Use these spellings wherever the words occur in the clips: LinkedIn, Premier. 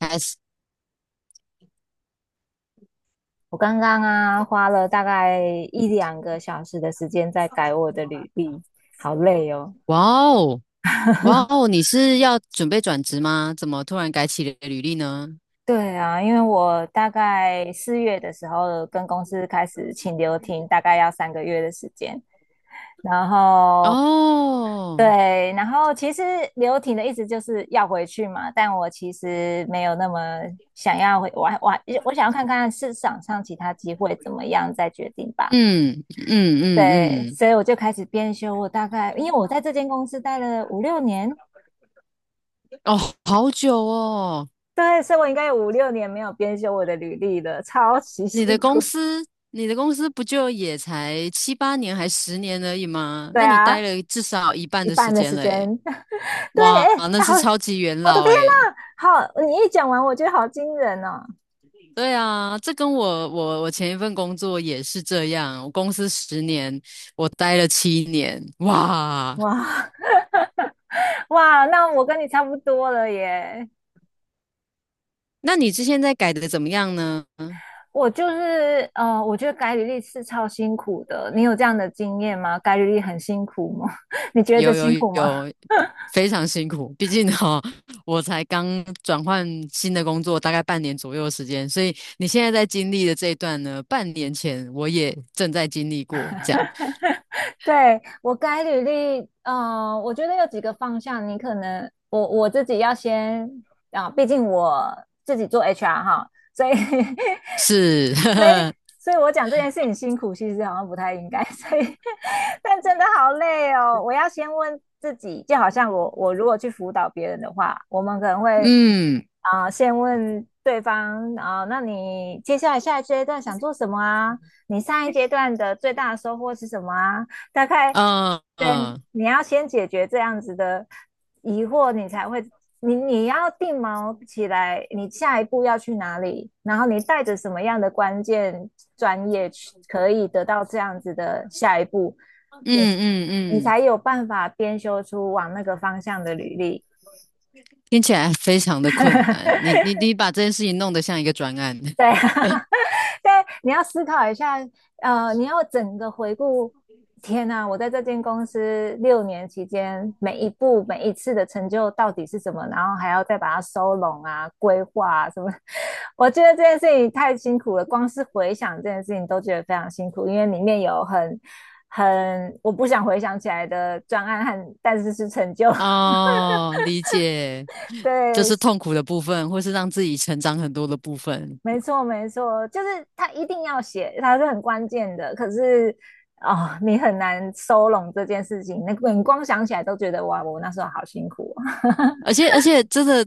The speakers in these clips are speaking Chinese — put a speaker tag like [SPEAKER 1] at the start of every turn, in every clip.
[SPEAKER 1] 开始。
[SPEAKER 2] 我刚刚啊，花了大概一两个小时的时间在改我的履历，好累哦。
[SPEAKER 1] 哇哦，哇哦，你是要准备转职吗？怎么突然改起了履历呢？
[SPEAKER 2] 对啊，因为我大概四月的时候跟公司开始请留停，大概要三个月的时间。然后
[SPEAKER 1] 哦。
[SPEAKER 2] 对，然后其实留停的意思就是要回去嘛，但我其实没有那么想要回，我想要看看市场上其他机会怎么样再决定吧。
[SPEAKER 1] 嗯嗯嗯
[SPEAKER 2] 对，
[SPEAKER 1] 嗯。
[SPEAKER 2] 所以我就开始编修。我大概因为我在这间公司待了五六年，
[SPEAKER 1] 哦，好久哦。
[SPEAKER 2] 对，所以我应该有五六年没有编修我的履历了，超级
[SPEAKER 1] 你
[SPEAKER 2] 辛
[SPEAKER 1] 的公
[SPEAKER 2] 苦。
[SPEAKER 1] 司，你的公司不就也才七八年还十年而已吗？
[SPEAKER 2] 对
[SPEAKER 1] 那你待
[SPEAKER 2] 啊，
[SPEAKER 1] 了至少一半
[SPEAKER 2] 一
[SPEAKER 1] 的时
[SPEAKER 2] 半的
[SPEAKER 1] 间
[SPEAKER 2] 时
[SPEAKER 1] 嘞！
[SPEAKER 2] 间。对，
[SPEAKER 1] 哇，
[SPEAKER 2] 哎、
[SPEAKER 1] 那
[SPEAKER 2] 哎好，
[SPEAKER 1] 是超级元
[SPEAKER 2] 我的
[SPEAKER 1] 老
[SPEAKER 2] 天
[SPEAKER 1] 诶。
[SPEAKER 2] 呐，好，你一讲完，我觉得好惊人哦！
[SPEAKER 1] 对啊，这跟我前一份工作也是这样，我公司十年，我待了七年，哇。
[SPEAKER 2] 哇 哇，那我跟你差不多了耶。
[SPEAKER 1] 那你之前在改的怎么样呢？
[SPEAKER 2] 我就是，我觉得改履历是超辛苦的。你有这样的经验吗？改履历很辛苦吗？你觉得
[SPEAKER 1] 有有
[SPEAKER 2] 辛苦吗？
[SPEAKER 1] 有，非常辛苦，毕竟哈、哦我才刚转换新的工作，大概半年左右的时间，所以你现在在经历的这一段呢，半年前我也正在经历过，这样
[SPEAKER 2] 对，我改履历，我觉得有几个方向，你可能我自己要先啊，毕竟我自己做 HR 哈，所以
[SPEAKER 1] 是。
[SPEAKER 2] 所以，所以我讲这件事情辛苦，其实好像不太应该。所以，但真的好累哦。我要先问自己，就好像我如果去辅导别人的话，我们可能 会
[SPEAKER 1] 嗯。
[SPEAKER 2] 先问对方那你接下来下一阶段想做什么啊？你上一阶段的最大的收获是什么啊？大概对，
[SPEAKER 1] 嗯
[SPEAKER 2] 你要先解决这样子的疑惑，你才会你你要定锚起来，你下一步要去哪里，然后你带着什么样的关键专业去可以得到这样子的下一步，
[SPEAKER 1] 嗯
[SPEAKER 2] 你你
[SPEAKER 1] 嗯嗯，
[SPEAKER 2] 才有办法编修出往那个方向的履历。
[SPEAKER 1] 听起来非常的困难，你把这件事情弄得像一个专案。
[SPEAKER 2] 对啊，但你要思考一下，你要整个回顾。天呐，我在这间公司六年期间，每一步每一次的成就到底是什么？然后还要再把它收拢啊、规划啊什么。我觉得这件事情太辛苦了，光是回想这件事情都觉得非常辛苦，因为里面有很我不想回想起来的专案和，但是是成就。
[SPEAKER 1] 哦，理解。这
[SPEAKER 2] 对，
[SPEAKER 1] 是痛苦的部分，或是让自己成长很多的部分。
[SPEAKER 2] 没错，没错，就是他一定要写，他是很关键的。可是哦，你很难收拢这件事情，那你光想起来都觉得哇，我那时候好辛苦哦。
[SPEAKER 1] 而且真的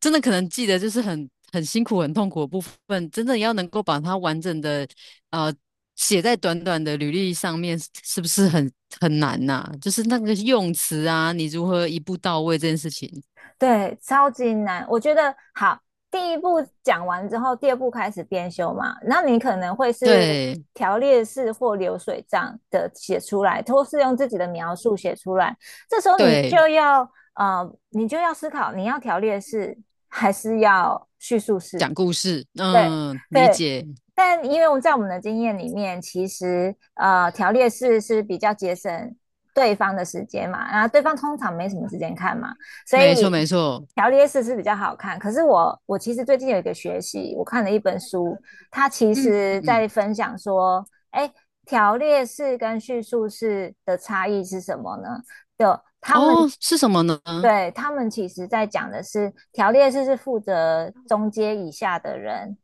[SPEAKER 1] 真的可能记得就是很很辛苦、很痛苦的部分，真的要能够把它完整的呃写在短短的履历上面，是不是很很难呐、就是那个用词啊，你如何一步到位这件事情，
[SPEAKER 2] 对，超级难。我觉得好，第一步讲完之后，第二步开始编修嘛，那你可能会是
[SPEAKER 1] 对
[SPEAKER 2] 条列式或流水账的写出来，或是用自己的描述写出来。这时候你
[SPEAKER 1] 对，
[SPEAKER 2] 就要你就要思考，你要条列式还是要叙述式？
[SPEAKER 1] 讲故事，
[SPEAKER 2] 对
[SPEAKER 1] 嗯，理
[SPEAKER 2] 对，
[SPEAKER 1] 解，
[SPEAKER 2] 但因为我们在我们的经验里面，其实条列式是比较节省对方的时间嘛，然后对方通常没什么时间看嘛，所
[SPEAKER 1] 没错
[SPEAKER 2] 以
[SPEAKER 1] 没错，
[SPEAKER 2] 条列式是比较好看。可是我其实最近有一个学习，我看了一本书，它其
[SPEAKER 1] 嗯嗯
[SPEAKER 2] 实
[SPEAKER 1] 嗯，
[SPEAKER 2] 在分享说，哎，条列式跟叙述式的差异是什么呢？就他们
[SPEAKER 1] 哦，是什么呢？
[SPEAKER 2] 对他们其实在讲的是条列式是负责中阶以下的人。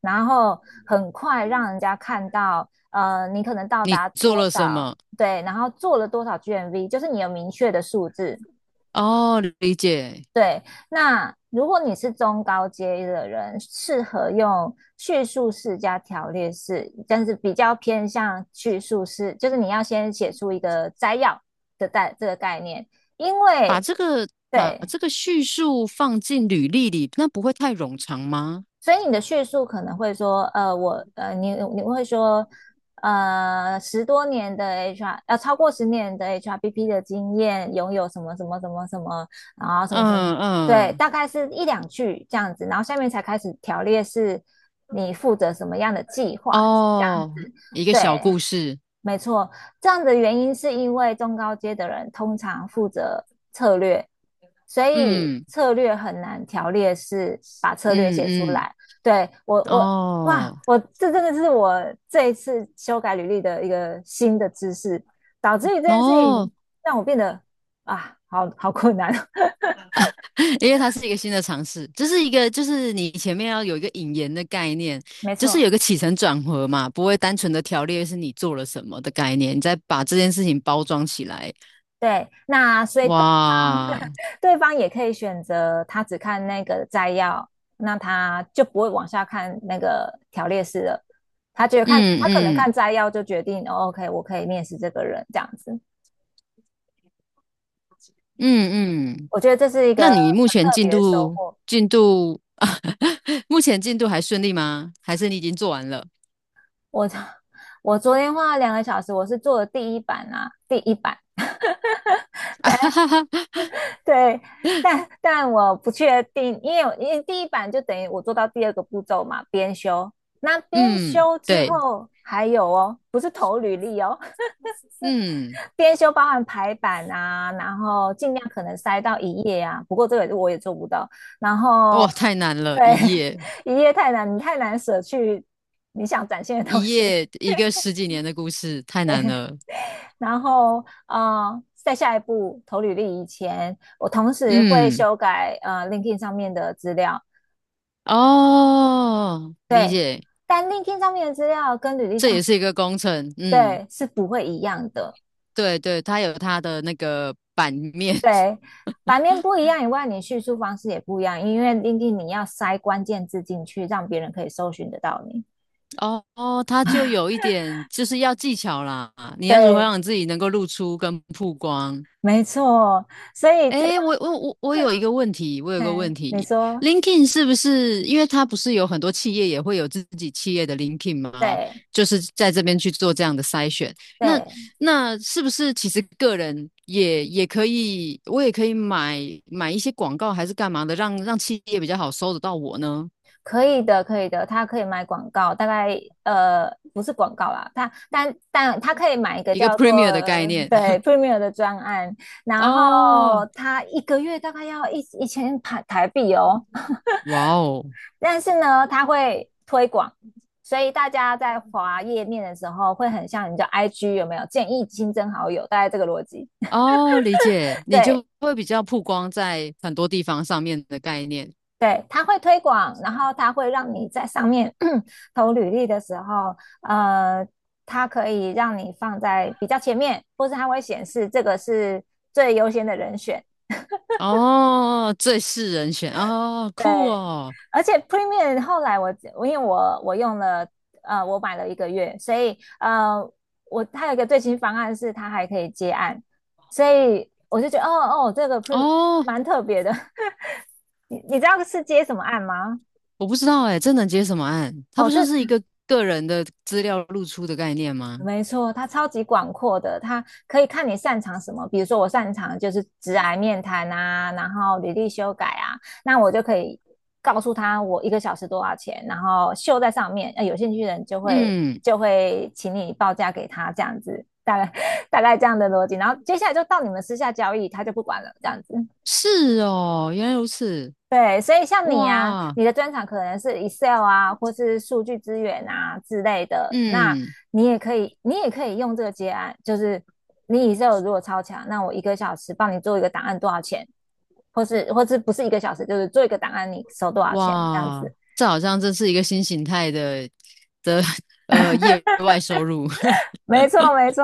[SPEAKER 2] 然后很快让人家看到，你可能到
[SPEAKER 1] 你
[SPEAKER 2] 达
[SPEAKER 1] 做
[SPEAKER 2] 多
[SPEAKER 1] 了什
[SPEAKER 2] 少，
[SPEAKER 1] 么？
[SPEAKER 2] 对，然后做了多少 GMV，就是你有明确的数字。
[SPEAKER 1] 哦，理解。
[SPEAKER 2] 对，那如果你是中高阶的人，适合用叙述式加条列式，但是比较偏向叙述式，就是你要先写出一个摘要的这个概念，因
[SPEAKER 1] 把
[SPEAKER 2] 为
[SPEAKER 1] 这个把
[SPEAKER 2] 对，
[SPEAKER 1] 这个叙述放进履历里，那不会太冗长吗？
[SPEAKER 2] 所以你的叙述可能会说，你会说，十多年的 HR，超过十年的 HRBP 的经验，拥有什么什么什么什么，然后什么什么，
[SPEAKER 1] 嗯
[SPEAKER 2] 对，
[SPEAKER 1] 嗯，
[SPEAKER 2] 大概是一两句这样子，然后下面才开始条列是你负责什么样的计划，这样
[SPEAKER 1] 哦，
[SPEAKER 2] 子，
[SPEAKER 1] 一个
[SPEAKER 2] 对，
[SPEAKER 1] 小故事，
[SPEAKER 2] 没错，这样的原因是因为中高阶的人通常负责策略，所以
[SPEAKER 1] 嗯
[SPEAKER 2] 策略很难条列式把策略
[SPEAKER 1] 嗯
[SPEAKER 2] 写出
[SPEAKER 1] 嗯，
[SPEAKER 2] 来。对，哇，
[SPEAKER 1] 哦
[SPEAKER 2] 我这真的是我这一次修改履历的一个新的知识，导致于这件事情
[SPEAKER 1] 哦。
[SPEAKER 2] 让我变得啊，好好困难哦。
[SPEAKER 1] 因为它是一个新的尝试，这是一个就是你前面要有一个引言的概念，
[SPEAKER 2] 没
[SPEAKER 1] 就是
[SPEAKER 2] 错，
[SPEAKER 1] 有个起承转合嘛，不会单纯的条列是你做了什么的概念，你再把这件事情包装起来，
[SPEAKER 2] 对，那所以对。
[SPEAKER 1] 哇，
[SPEAKER 2] 对方也可以选择他只看那个摘要，那他就不会往下看那个条列式了。他觉得看
[SPEAKER 1] 嗯
[SPEAKER 2] 他可能看
[SPEAKER 1] 嗯。
[SPEAKER 2] 摘要就决定，哦，OK，我可以面试这个人这样子。
[SPEAKER 1] 嗯嗯
[SPEAKER 2] 我觉得这是一个
[SPEAKER 1] 那你目
[SPEAKER 2] 很
[SPEAKER 1] 前
[SPEAKER 2] 特
[SPEAKER 1] 进
[SPEAKER 2] 别的收
[SPEAKER 1] 度
[SPEAKER 2] 获。
[SPEAKER 1] 进度。 目前进度还顺利吗？还是你已经做完了？
[SPEAKER 2] 我我昨天花了两个小时，我是做了第一版啊，第一版
[SPEAKER 1] 哈哈哈，
[SPEAKER 2] 对，但我不确定，因为第一版就等于我做到第二个步骤嘛，编修。那编
[SPEAKER 1] 嗯，
[SPEAKER 2] 修之
[SPEAKER 1] 对，
[SPEAKER 2] 后还有哦，不是投履历哦，
[SPEAKER 1] 嗯，
[SPEAKER 2] 编修包含排版啊，然后尽量可能塞到一页啊，不过这个我也做不到。然后
[SPEAKER 1] 哇，太难了，
[SPEAKER 2] 对，
[SPEAKER 1] 一页
[SPEAKER 2] 一页太难，你太难舍去你想展现的东
[SPEAKER 1] 一
[SPEAKER 2] 西。
[SPEAKER 1] 页一个十几年的故事，太难了。
[SPEAKER 2] 然后在下一步投履历以前，我同时会
[SPEAKER 1] 嗯，
[SPEAKER 2] 修改LinkedIn 上面的资料，
[SPEAKER 1] 哦，理
[SPEAKER 2] 对，
[SPEAKER 1] 解，
[SPEAKER 2] 但 LinkedIn 上面的资料跟履历
[SPEAKER 1] 这
[SPEAKER 2] 上
[SPEAKER 1] 也是
[SPEAKER 2] 是
[SPEAKER 1] 一个工程。嗯，
[SPEAKER 2] 对是不会一样的。
[SPEAKER 1] 对对，它有它的那个版面。
[SPEAKER 2] 对，版面不一样以外，你叙述方式也不一样，因为 Linkin 你要塞关键字进去，让别人可以搜寻得到你。
[SPEAKER 1] 哦哦，它就有一点就是要技巧啦，你要如何
[SPEAKER 2] 对，
[SPEAKER 1] 让你自己能够露出跟曝光。
[SPEAKER 2] 没错，所以这个，
[SPEAKER 1] 哎，我有一个问题，我有个问
[SPEAKER 2] 嗯，你
[SPEAKER 1] 题
[SPEAKER 2] 说
[SPEAKER 1] ，LinkedIn 是不是因为它不是有很多企业也会有自己企业的 LinkedIn 吗？
[SPEAKER 2] 对
[SPEAKER 1] 就是在这边去做这样的筛选。那
[SPEAKER 2] 对，
[SPEAKER 1] 那是不是其实个人也也可以，我也可以买买一些广告还是干嘛的，让让企业比较好搜得到我呢？
[SPEAKER 2] 可以的，可以的，他可以买广告，大概呃不是广告啦，但他可以买一个
[SPEAKER 1] 一个
[SPEAKER 2] 叫做
[SPEAKER 1] Premier 的概念。
[SPEAKER 2] 对 Premier 的专案，然后
[SPEAKER 1] 哦，
[SPEAKER 2] 他一个月大概要一千台币哦，
[SPEAKER 1] 哇哦。
[SPEAKER 2] 但是呢，它会推广，所以大家在滑页面的时候会很像你叫 IG 有没有建议新增好友，大概这个逻辑。
[SPEAKER 1] 哦，理解，你
[SPEAKER 2] 对
[SPEAKER 1] 就会比较曝光在很多地方上面的概念。
[SPEAKER 2] 对，它会推广，然后它会让你在上面 投履历的时候，呃，它可以让你放在比较前面，或是它会显示这个是最优先的人选。
[SPEAKER 1] 哦，最是人选哦，
[SPEAKER 2] 对，
[SPEAKER 1] 酷哦，
[SPEAKER 2] 而且 Premium 后来我因为我用了我买了一个月，所以它有一个最新方案是它还可以接案，所以我就觉得哦哦这个 Premium
[SPEAKER 1] 哦，
[SPEAKER 2] 蛮特别的。你知道是接什么案吗？
[SPEAKER 1] 我不知道哎，这能接什么案？它
[SPEAKER 2] 哦，
[SPEAKER 1] 不就
[SPEAKER 2] 这
[SPEAKER 1] 是一个个人的资料露出的概念吗？
[SPEAKER 2] 没错，它超级广阔的，它可以看你擅长什么。比如说，我擅长就是直癌面谈啊，然后履历修改啊，那我就可以告诉他我一个小时多少钱，然后秀在上面。有兴趣的人就会
[SPEAKER 1] 嗯，
[SPEAKER 2] 请你报价给他，这样子，大概 大概这样的逻辑。然后接下来就到你们私下交易，他就不管了，这样子。
[SPEAKER 1] 是哦，原来如此，
[SPEAKER 2] 对，所以像你啊，
[SPEAKER 1] 哇，
[SPEAKER 2] 你的专长可能是 Excel 啊，或是数据资源啊之类的，那
[SPEAKER 1] 嗯，
[SPEAKER 2] 你也可以用这个结案，就是你 Excel 如果超强，那我一个小时帮你做一个档案多少钱，或是不是一个小时，就是做一个档案你收多少钱这样
[SPEAKER 1] 哇，
[SPEAKER 2] 子。
[SPEAKER 1] 这好像真是一个新形态的的。 业外收入。
[SPEAKER 2] 没错，没错。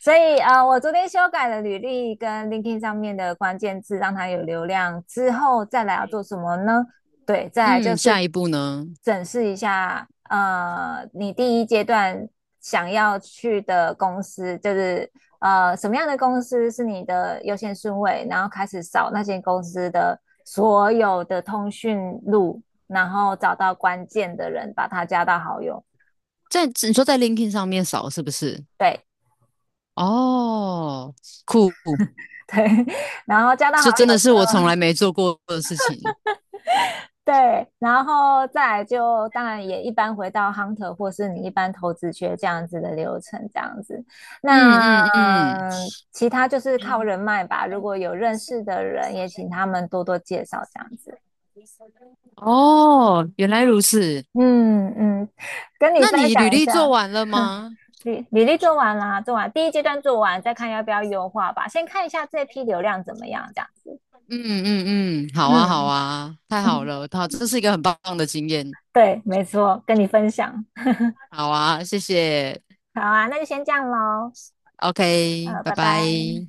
[SPEAKER 2] 所以我昨天修改了履历跟 LinkedIn 上面的关键字，让它有流量之后，再来要做什么呢？对，再来就
[SPEAKER 1] 嗯，
[SPEAKER 2] 是
[SPEAKER 1] 下一步呢？
[SPEAKER 2] 审视一下，你第一阶段想要去的公司，就是什么样的公司是你的优先顺位，然后开始扫那些公司的所有的通讯录，然后找到关键的人，把他加到好友。
[SPEAKER 1] 在你说在 LinkedIn 上面扫是不是？
[SPEAKER 2] 对
[SPEAKER 1] 哦，酷，
[SPEAKER 2] 对。然后加到好
[SPEAKER 1] 这
[SPEAKER 2] 友
[SPEAKER 1] 真的
[SPEAKER 2] 之
[SPEAKER 1] 是我
[SPEAKER 2] 后。
[SPEAKER 1] 从来没做过的事情。
[SPEAKER 2] 对，然后再来就当然也一般回到 hunter 或是你一般投资学这样子的流程，这样子。
[SPEAKER 1] 嗯
[SPEAKER 2] 那
[SPEAKER 1] 嗯嗯，
[SPEAKER 2] 其他就是靠人脉吧，如果有认识的人，也请他们多多介绍这样子。
[SPEAKER 1] 哦，原来如此。
[SPEAKER 2] 嗯嗯，跟你
[SPEAKER 1] 那
[SPEAKER 2] 分
[SPEAKER 1] 你
[SPEAKER 2] 享
[SPEAKER 1] 履
[SPEAKER 2] 一
[SPEAKER 1] 历
[SPEAKER 2] 下，
[SPEAKER 1] 做完了吗？
[SPEAKER 2] 履历做完啦，做完第一阶段做完，再看要不要优化吧。先看一下这批流量怎么样，这样子。
[SPEAKER 1] 嗯嗯嗯，好啊好
[SPEAKER 2] 嗯，
[SPEAKER 1] 啊，太好 了，好，这是一个很棒的经验。
[SPEAKER 2] 对，没错，跟你分享。
[SPEAKER 1] 好啊，谢谢。
[SPEAKER 2] 好啊，那就先这样喽。
[SPEAKER 1] OK,拜
[SPEAKER 2] 拜拜。
[SPEAKER 1] 拜。